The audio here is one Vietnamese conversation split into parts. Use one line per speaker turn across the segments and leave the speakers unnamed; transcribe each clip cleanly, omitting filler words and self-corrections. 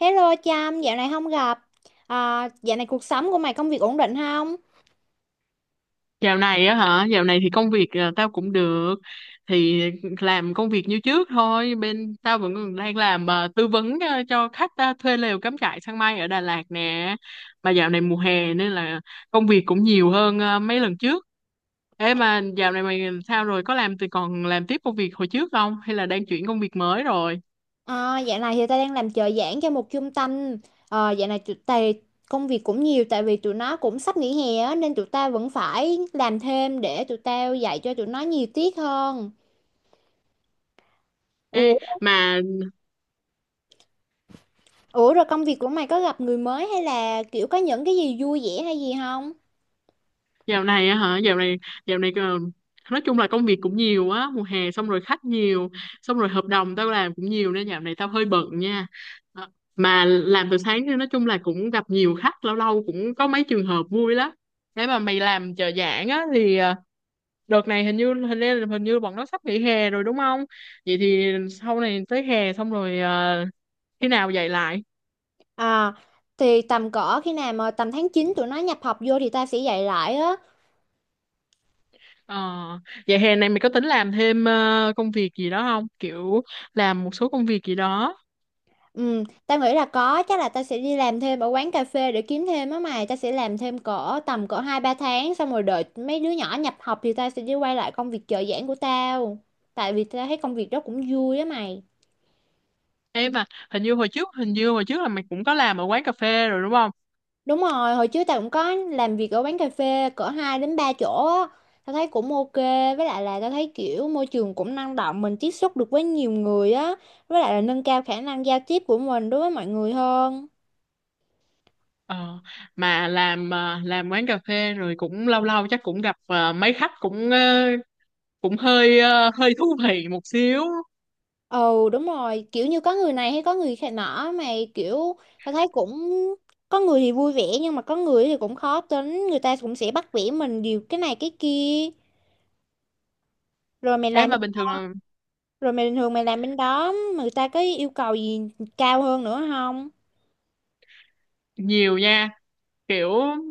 Hello Trâm, dạo này không gặp. À, dạo này cuộc sống của mày công việc ổn định không?
Dạo này á hả? Dạo này thì công việc tao cũng được. Thì làm công việc như trước thôi. Bên tao vẫn còn đang làm tư vấn cho khách thuê lều cắm trại sang mây ở Đà Lạt nè. Mà dạo này mùa hè nên là công việc cũng nhiều hơn mấy lần trước. Ê mà dạo này mày sao rồi? Có làm thì còn làm tiếp công việc hồi trước không? Hay là đang chuyển công việc mới rồi?
À, dạo này thì tao đang làm trợ giảng cho một trung tâm. À, dạo này tụi tày công việc cũng nhiều tại vì tụi nó cũng sắp nghỉ hè á, nên tụi tao vẫn phải làm thêm để tụi tao dạy cho tụi nó nhiều tiết hơn. Ủa,
Ê, mà
ủa, rồi công việc của mày có gặp người mới hay là kiểu có những cái gì vui vẻ hay gì không?
dạo này á hả? Dạo này, nói chung là công việc cũng nhiều á, mùa hè xong rồi khách nhiều, xong rồi hợp đồng tao làm cũng nhiều nên dạo này tao hơi bận nha. Ờ, mà làm từ sáng nên nói chung là cũng gặp nhiều khách, lâu lâu cũng có mấy trường hợp vui lắm. Thế mà mày làm trợ giảng á thì đợt này hình như bọn nó sắp nghỉ hè rồi đúng không? Vậy thì sau này tới hè xong rồi, khi nào dạy lại?
À, thì tầm cỡ khi nào mà tầm tháng 9 tụi nó nhập học vô thì tao sẽ dạy lại á.
Ờ, vậy hè này mày có tính làm thêm công việc gì đó không? Kiểu làm một số công việc gì đó.
Ừ, tao nghĩ là có, chắc là tao sẽ đi làm thêm ở quán cà phê để kiếm thêm á mày, tao sẽ làm thêm cỡ tầm cỡ 2 3 tháng xong rồi đợi mấy đứa nhỏ nhập học thì tao sẽ đi quay lại công việc trợ giảng của tao. Tại vì tao thấy công việc đó cũng vui á mày.
Ê mà hình như hồi trước, hình như hồi trước là mày cũng có làm ở quán cà phê rồi đúng không?
Đúng rồi, hồi trước tao cũng có làm việc ở quán cà phê cỡ 2 đến 3 chỗ á. Tao thấy cũng ok, với lại là tao thấy kiểu môi trường cũng năng động, mình tiếp xúc được với nhiều người á, với lại là nâng cao khả năng giao tiếp của mình đối với mọi người hơn.
Ờ, mà làm quán cà phê rồi cũng lâu lâu chắc cũng gặp mấy khách cũng cũng hơi hơi thú vị một xíu.
Ừ, đúng rồi, kiểu như có người này hay có người khác nọ, mà kiểu ta thấy cũng có người thì vui vẻ nhưng mà có người thì cũng khó tính, người ta cũng sẽ bắt bẻ mình điều cái này cái kia. rồi mày
Ê
làm
mà bình thường là
Rồi mày bình thường mày làm bên đó mà người ta có yêu cầu gì cao hơn nữa không?
nhiều nha. Kiểu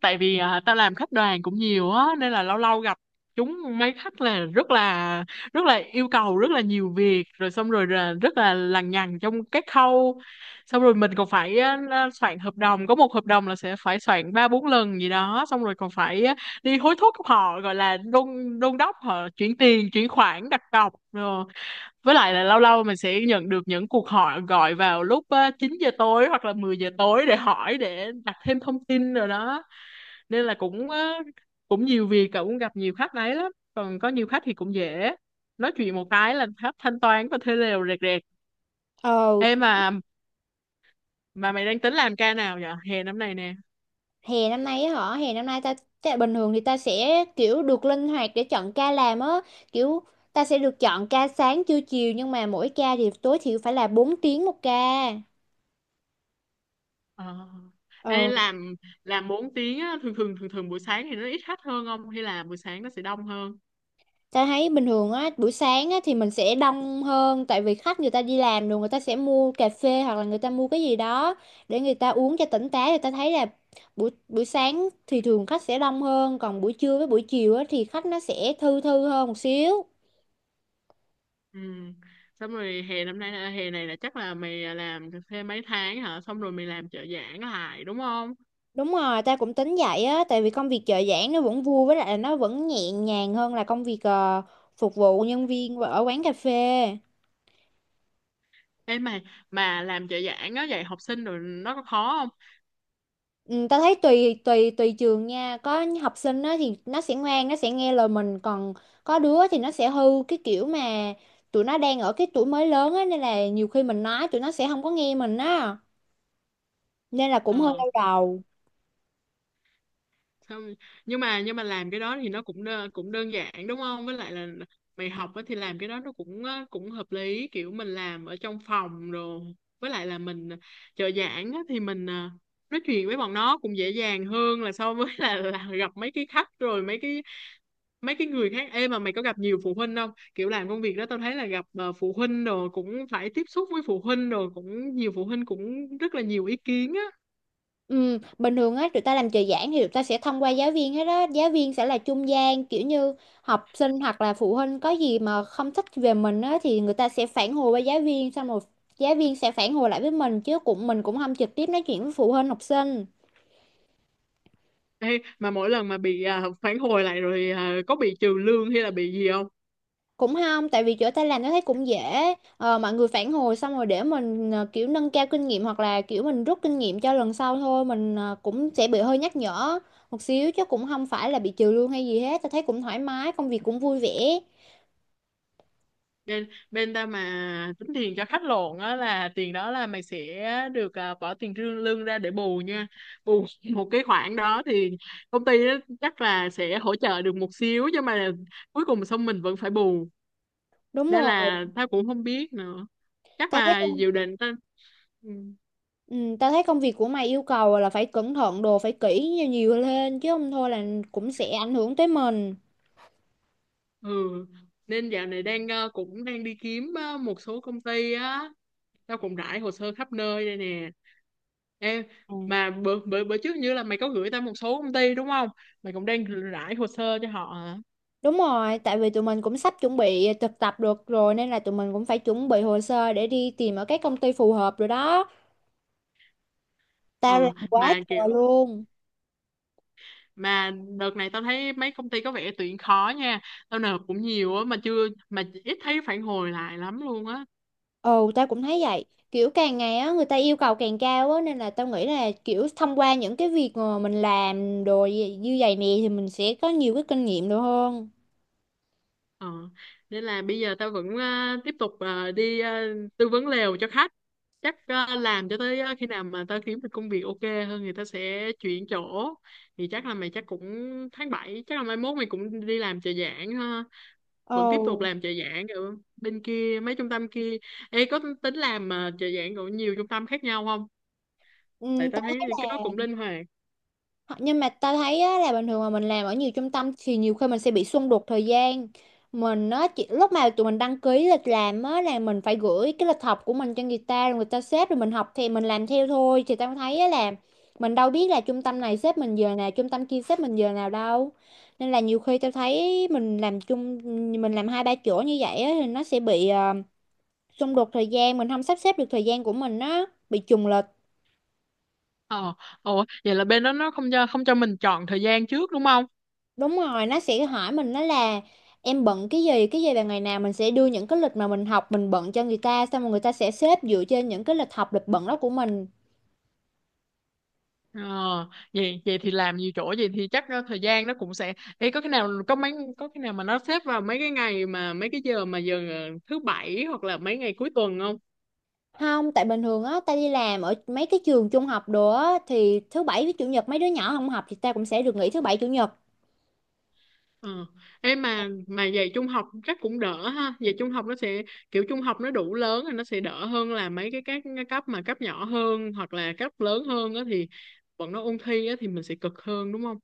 tại vì tao làm khách đoàn cũng nhiều á nên là lâu lâu gặp chúng mấy khách là rất là rất là yêu cầu rất là nhiều việc rồi xong rồi là rất là lằng nhằng trong các khâu, xong rồi mình còn phải soạn hợp đồng, có một hợp đồng là sẽ phải soạn ba bốn lần gì đó, xong rồi còn phải đi hối thúc họ, gọi là đôn đôn đốc họ chuyển tiền, chuyển khoản đặt cọc rồi. Với lại là lâu lâu mình sẽ nhận được những cuộc hỏi gọi vào lúc 9 giờ tối hoặc là 10 giờ tối để hỏi để đặt thêm thông tin rồi đó, nên là cũng nhiều việc. Cậu cũng gặp nhiều khách đấy lắm, còn có nhiều khách thì cũng dễ nói chuyện, một cái là khách thanh toán và thuê lều rẹt rẹt.
Ờ,
Ê, mà mày đang tính làm ca nào vậy hè năm này nè?
hè năm nay á hả, hè năm nay ta, ta bình thường thì ta sẽ kiểu được linh hoạt để chọn ca làm á, kiểu ta sẽ được chọn ca sáng trưa chiều nhưng mà mỗi ca thì tối thiểu phải là 4 tiếng một ca.
Ờ. Ê,
Ờ.
làm 4 tiếng á, thường thường buổi sáng thì nó ít khách hơn không, hay là buổi sáng nó sẽ đông hơn?
Ta thấy bình thường á, buổi sáng á, thì mình sẽ đông hơn tại vì khách người ta đi làm rồi người ta sẽ mua cà phê hoặc là người ta mua cái gì đó để người ta uống cho tỉnh táo, thì ta thấy là buổi buổi sáng thì thường khách sẽ đông hơn, còn buổi trưa với buổi chiều á, thì khách nó sẽ thư thư hơn một xíu.
Ừ. Xong rồi hè năm nay là hè này là chắc là mày làm thêm mấy tháng hả? Xong rồi mày làm trợ giảng lại đúng không?
Đúng rồi, ta cũng tính vậy á tại vì công việc trợ giảng nó vẫn vui, với lại là nó vẫn nhẹ nhàng hơn là công việc phục vụ nhân viên ở quán cà phê.
Ê mày, mà làm trợ giảng á, dạy học sinh rồi nó có khó không?
Ừ, ta thấy tùy tùy tùy trường nha, có học sinh á thì nó sẽ ngoan, nó sẽ nghe lời mình, còn có đứa thì nó sẽ hư, cái kiểu mà tụi nó đang ở cái tuổi mới lớn á, nên là nhiều khi mình nói tụi nó sẽ không có nghe mình á, nên là cũng hơi
Ờ.
đau đầu.
Xong nhưng mà làm cái đó thì nó cũng đơn giản đúng không? Với lại là mày học á thì làm cái đó nó cũng hợp lý, kiểu mình làm ở trong phòng rồi. Với lại là mình trợ giảng á thì mình nói chuyện với bọn nó cũng dễ dàng hơn là so với là gặp mấy cái khách rồi mấy cái người khác. Em mà mày có gặp nhiều phụ huynh không, kiểu làm công việc đó tao thấy là gặp phụ huynh rồi cũng phải tiếp xúc với phụ huynh, rồi cũng nhiều phụ huynh cũng rất là nhiều ý kiến á.
Ừ, bình thường á tụi ta làm trợ giảng thì tụi ta sẽ thông qua giáo viên hết đó, giáo viên sẽ là trung gian, kiểu như học sinh hoặc là phụ huynh có gì mà không thích về mình á thì người ta sẽ phản hồi với giáo viên, xong rồi giáo viên sẽ phản hồi lại với mình, chứ cũng mình cũng không trực tiếp nói chuyện với phụ huynh học sinh.
Ê, mà mỗi lần mà bị phản hồi lại rồi, có bị trừ lương hay là bị gì không?
Cũng không, tại vì chỗ ta làm nó thấy cũng dễ, mọi người phản hồi xong rồi để mình kiểu nâng cao kinh nghiệm hoặc là kiểu mình rút kinh nghiệm cho lần sau thôi, mình cũng sẽ bị hơi nhắc nhở một xíu chứ cũng không phải là bị trừ lương hay gì hết, ta thấy cũng thoải mái, công việc cũng vui vẻ.
Bên bên ta mà tính tiền cho khách lộn á, là tiền đó là mày sẽ bỏ tiền lương lương ra để bù nha, bù một cái khoản đó thì công ty á chắc là sẽ hỗ trợ được một xíu, nhưng mà cuối cùng xong mình vẫn phải bù,
Đúng
nên
rồi.
là tao cũng không biết nữa. Chắc
ta thấy
là
công-
dự định ta. Ừ.
ừ, ta thấy công việc của mày yêu cầu là phải cẩn thận đồ, phải kỹ nhiều lên chứ không thôi là cũng sẽ ảnh hưởng tới mình.
Ừ. Nên dạo này đang cũng đang đi kiếm một số công ty á, tao cũng rải hồ sơ khắp nơi đây nè. Em mà bữa, bữa bữa trước như là mày có gửi tao một số công ty đúng không, mày cũng đang rải hồ sơ cho họ hả?
Đúng rồi, tại vì tụi mình cũng sắp chuẩn bị thực tập được rồi nên là tụi mình cũng phải chuẩn bị hồ sơ để đi tìm ở các công ty phù hợp rồi đó. Tao làm
Ừ,
quá
mà
trời
kiểu
luôn.
mà đợt này tao thấy mấy công ty có vẻ tuyển khó nha, tao nộp cũng nhiều á mà chưa, mà ít thấy phản hồi lại lắm luôn á.
Ồ, tao cũng thấy vậy. Kiểu càng ngày á người ta yêu cầu càng cao á nên là tao nghĩ là kiểu thông qua những cái việc mà mình làm như vậy nè thì mình sẽ có nhiều cái kinh nghiệm được hơn.
Ờ, nên là bây giờ tao vẫn tiếp tục đi tư vấn lều cho khách. Chắc làm cho tới khi nào mà tao kiếm được công việc ok hơn thì tao sẽ chuyển chỗ. Thì chắc là mày chắc cũng tháng bảy, chắc là mai mốt mày cũng đi làm trợ giảng ha. Vẫn tiếp tục
Ồ,
làm trợ giảng ở bên kia, mấy trung tâm kia. Ê, có tính làm trợ giảng của nhiều trung tâm khác nhau không?
ừ,
Tại tao
tao
thấy cái đó cũng linh hoạt.
Nhưng mà ta thấy á, là bình thường mà mình làm ở nhiều trung tâm thì nhiều khi mình sẽ bị xung đột thời gian. Mình á, lúc mà tụi mình đăng ký lịch làm á, là mình phải gửi cái lịch học của mình cho người ta, rồi người ta xếp rồi mình học thì mình làm theo thôi. Thì tao thấy á, là mình đâu biết là trung tâm này xếp mình giờ nào, trung tâm kia xếp mình giờ nào đâu. Nên là nhiều khi tao thấy mình làm chung, mình làm hai ba chỗ như vậy á, thì nó sẽ bị xung đột thời gian, mình không sắp xếp được thời gian của mình á, bị trùng lịch.
Ờ, ồ, vậy là bên đó nó không cho, không cho mình chọn thời gian trước đúng không?
Đúng rồi, nó sẽ hỏi mình, nó là em bận cái gì vào ngày nào, mình sẽ đưa những cái lịch mà mình học mình bận cho người ta, xong rồi người ta sẽ xếp dựa trên những cái lịch học lịch bận đó của mình.
Ờ, vậy vậy thì làm nhiều chỗ vậy thì chắc thời gian nó cũng sẽ. Ê, có cái nào có mấy, có cái nào mà nó xếp vào mấy cái ngày mà mấy cái giờ mà thứ bảy hoặc là mấy ngày cuối tuần không?
Không, tại bình thường á, ta đi làm ở mấy cái trường trung học đồ á, thì thứ bảy với chủ nhật mấy đứa nhỏ không học thì ta cũng sẽ được nghỉ thứ bảy chủ nhật.
Ờ. Ê mà dạy trung học chắc cũng đỡ ha. Dạy trung học nó sẽ kiểu trung học nó đủ lớn thì nó sẽ đỡ hơn là mấy cái các cái cấp mà cấp nhỏ hơn hoặc là cấp lớn hơn á, thì bọn nó ôn thi á thì mình sẽ cực hơn đúng không?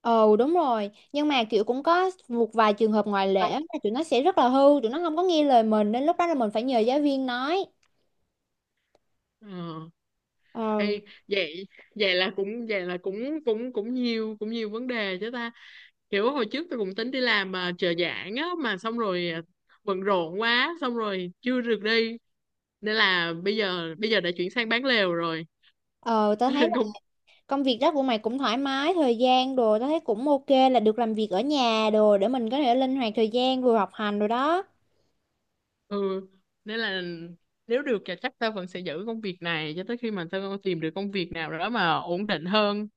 Ồ đúng rồi, nhưng mà kiểu cũng có một vài trường hợp ngoại lệ á, là tụi nó sẽ rất là hư, tụi nó không có nghe lời mình nên lúc đó là mình phải nhờ giáo viên nói.
Ờ.
Ờ,
Ê, vậy vậy là cũng cũng cũng nhiều vấn đề chứ ta. Kiểu hồi trước tôi cũng tính đi làm mà trợ giảng á, mà xong rồi bận rộn quá xong rồi chưa được đi, nên là bây giờ đã chuyển sang bán lều rồi
ờ, tao thấy
nên cũng
công việc đó của mày cũng thoải mái thời gian đồ, tao thấy cũng ok, là được làm việc ở nhà đồ để mình có thể linh hoạt thời gian vừa học hành rồi đó.
ừ, nên là nếu được thì chắc tao vẫn sẽ giữ công việc này cho tới khi mà tao tìm được công việc nào đó mà ổn định hơn,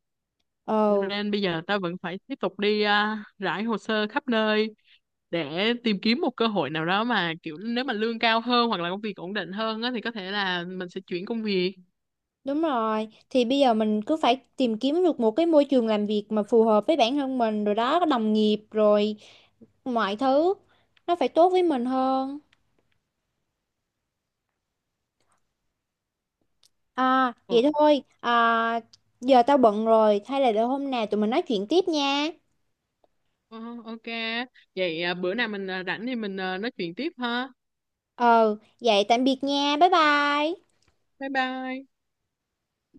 Ờ,
nên bây giờ tao vẫn phải tiếp tục đi rải hồ sơ khắp nơi để tìm kiếm một cơ hội nào đó mà kiểu nếu mà lương cao hơn hoặc là công việc ổn định hơn á, thì có thể là mình sẽ chuyển công việc.
đúng rồi, thì bây giờ mình cứ phải tìm kiếm được một cái môi trường làm việc mà phù hợp với bản thân mình rồi đó, có đồng nghiệp rồi mọi thứ nó phải tốt với mình hơn. À
Ồ,
vậy thôi, giờ tao bận rồi hay là để hôm nào tụi mình nói chuyện tiếp nha.
ờ, ok. Vậy bữa nào mình rảnh thì mình nói chuyện tiếp ha.
Ờ, vậy tạm biệt nha, bye bye.
Bye bye.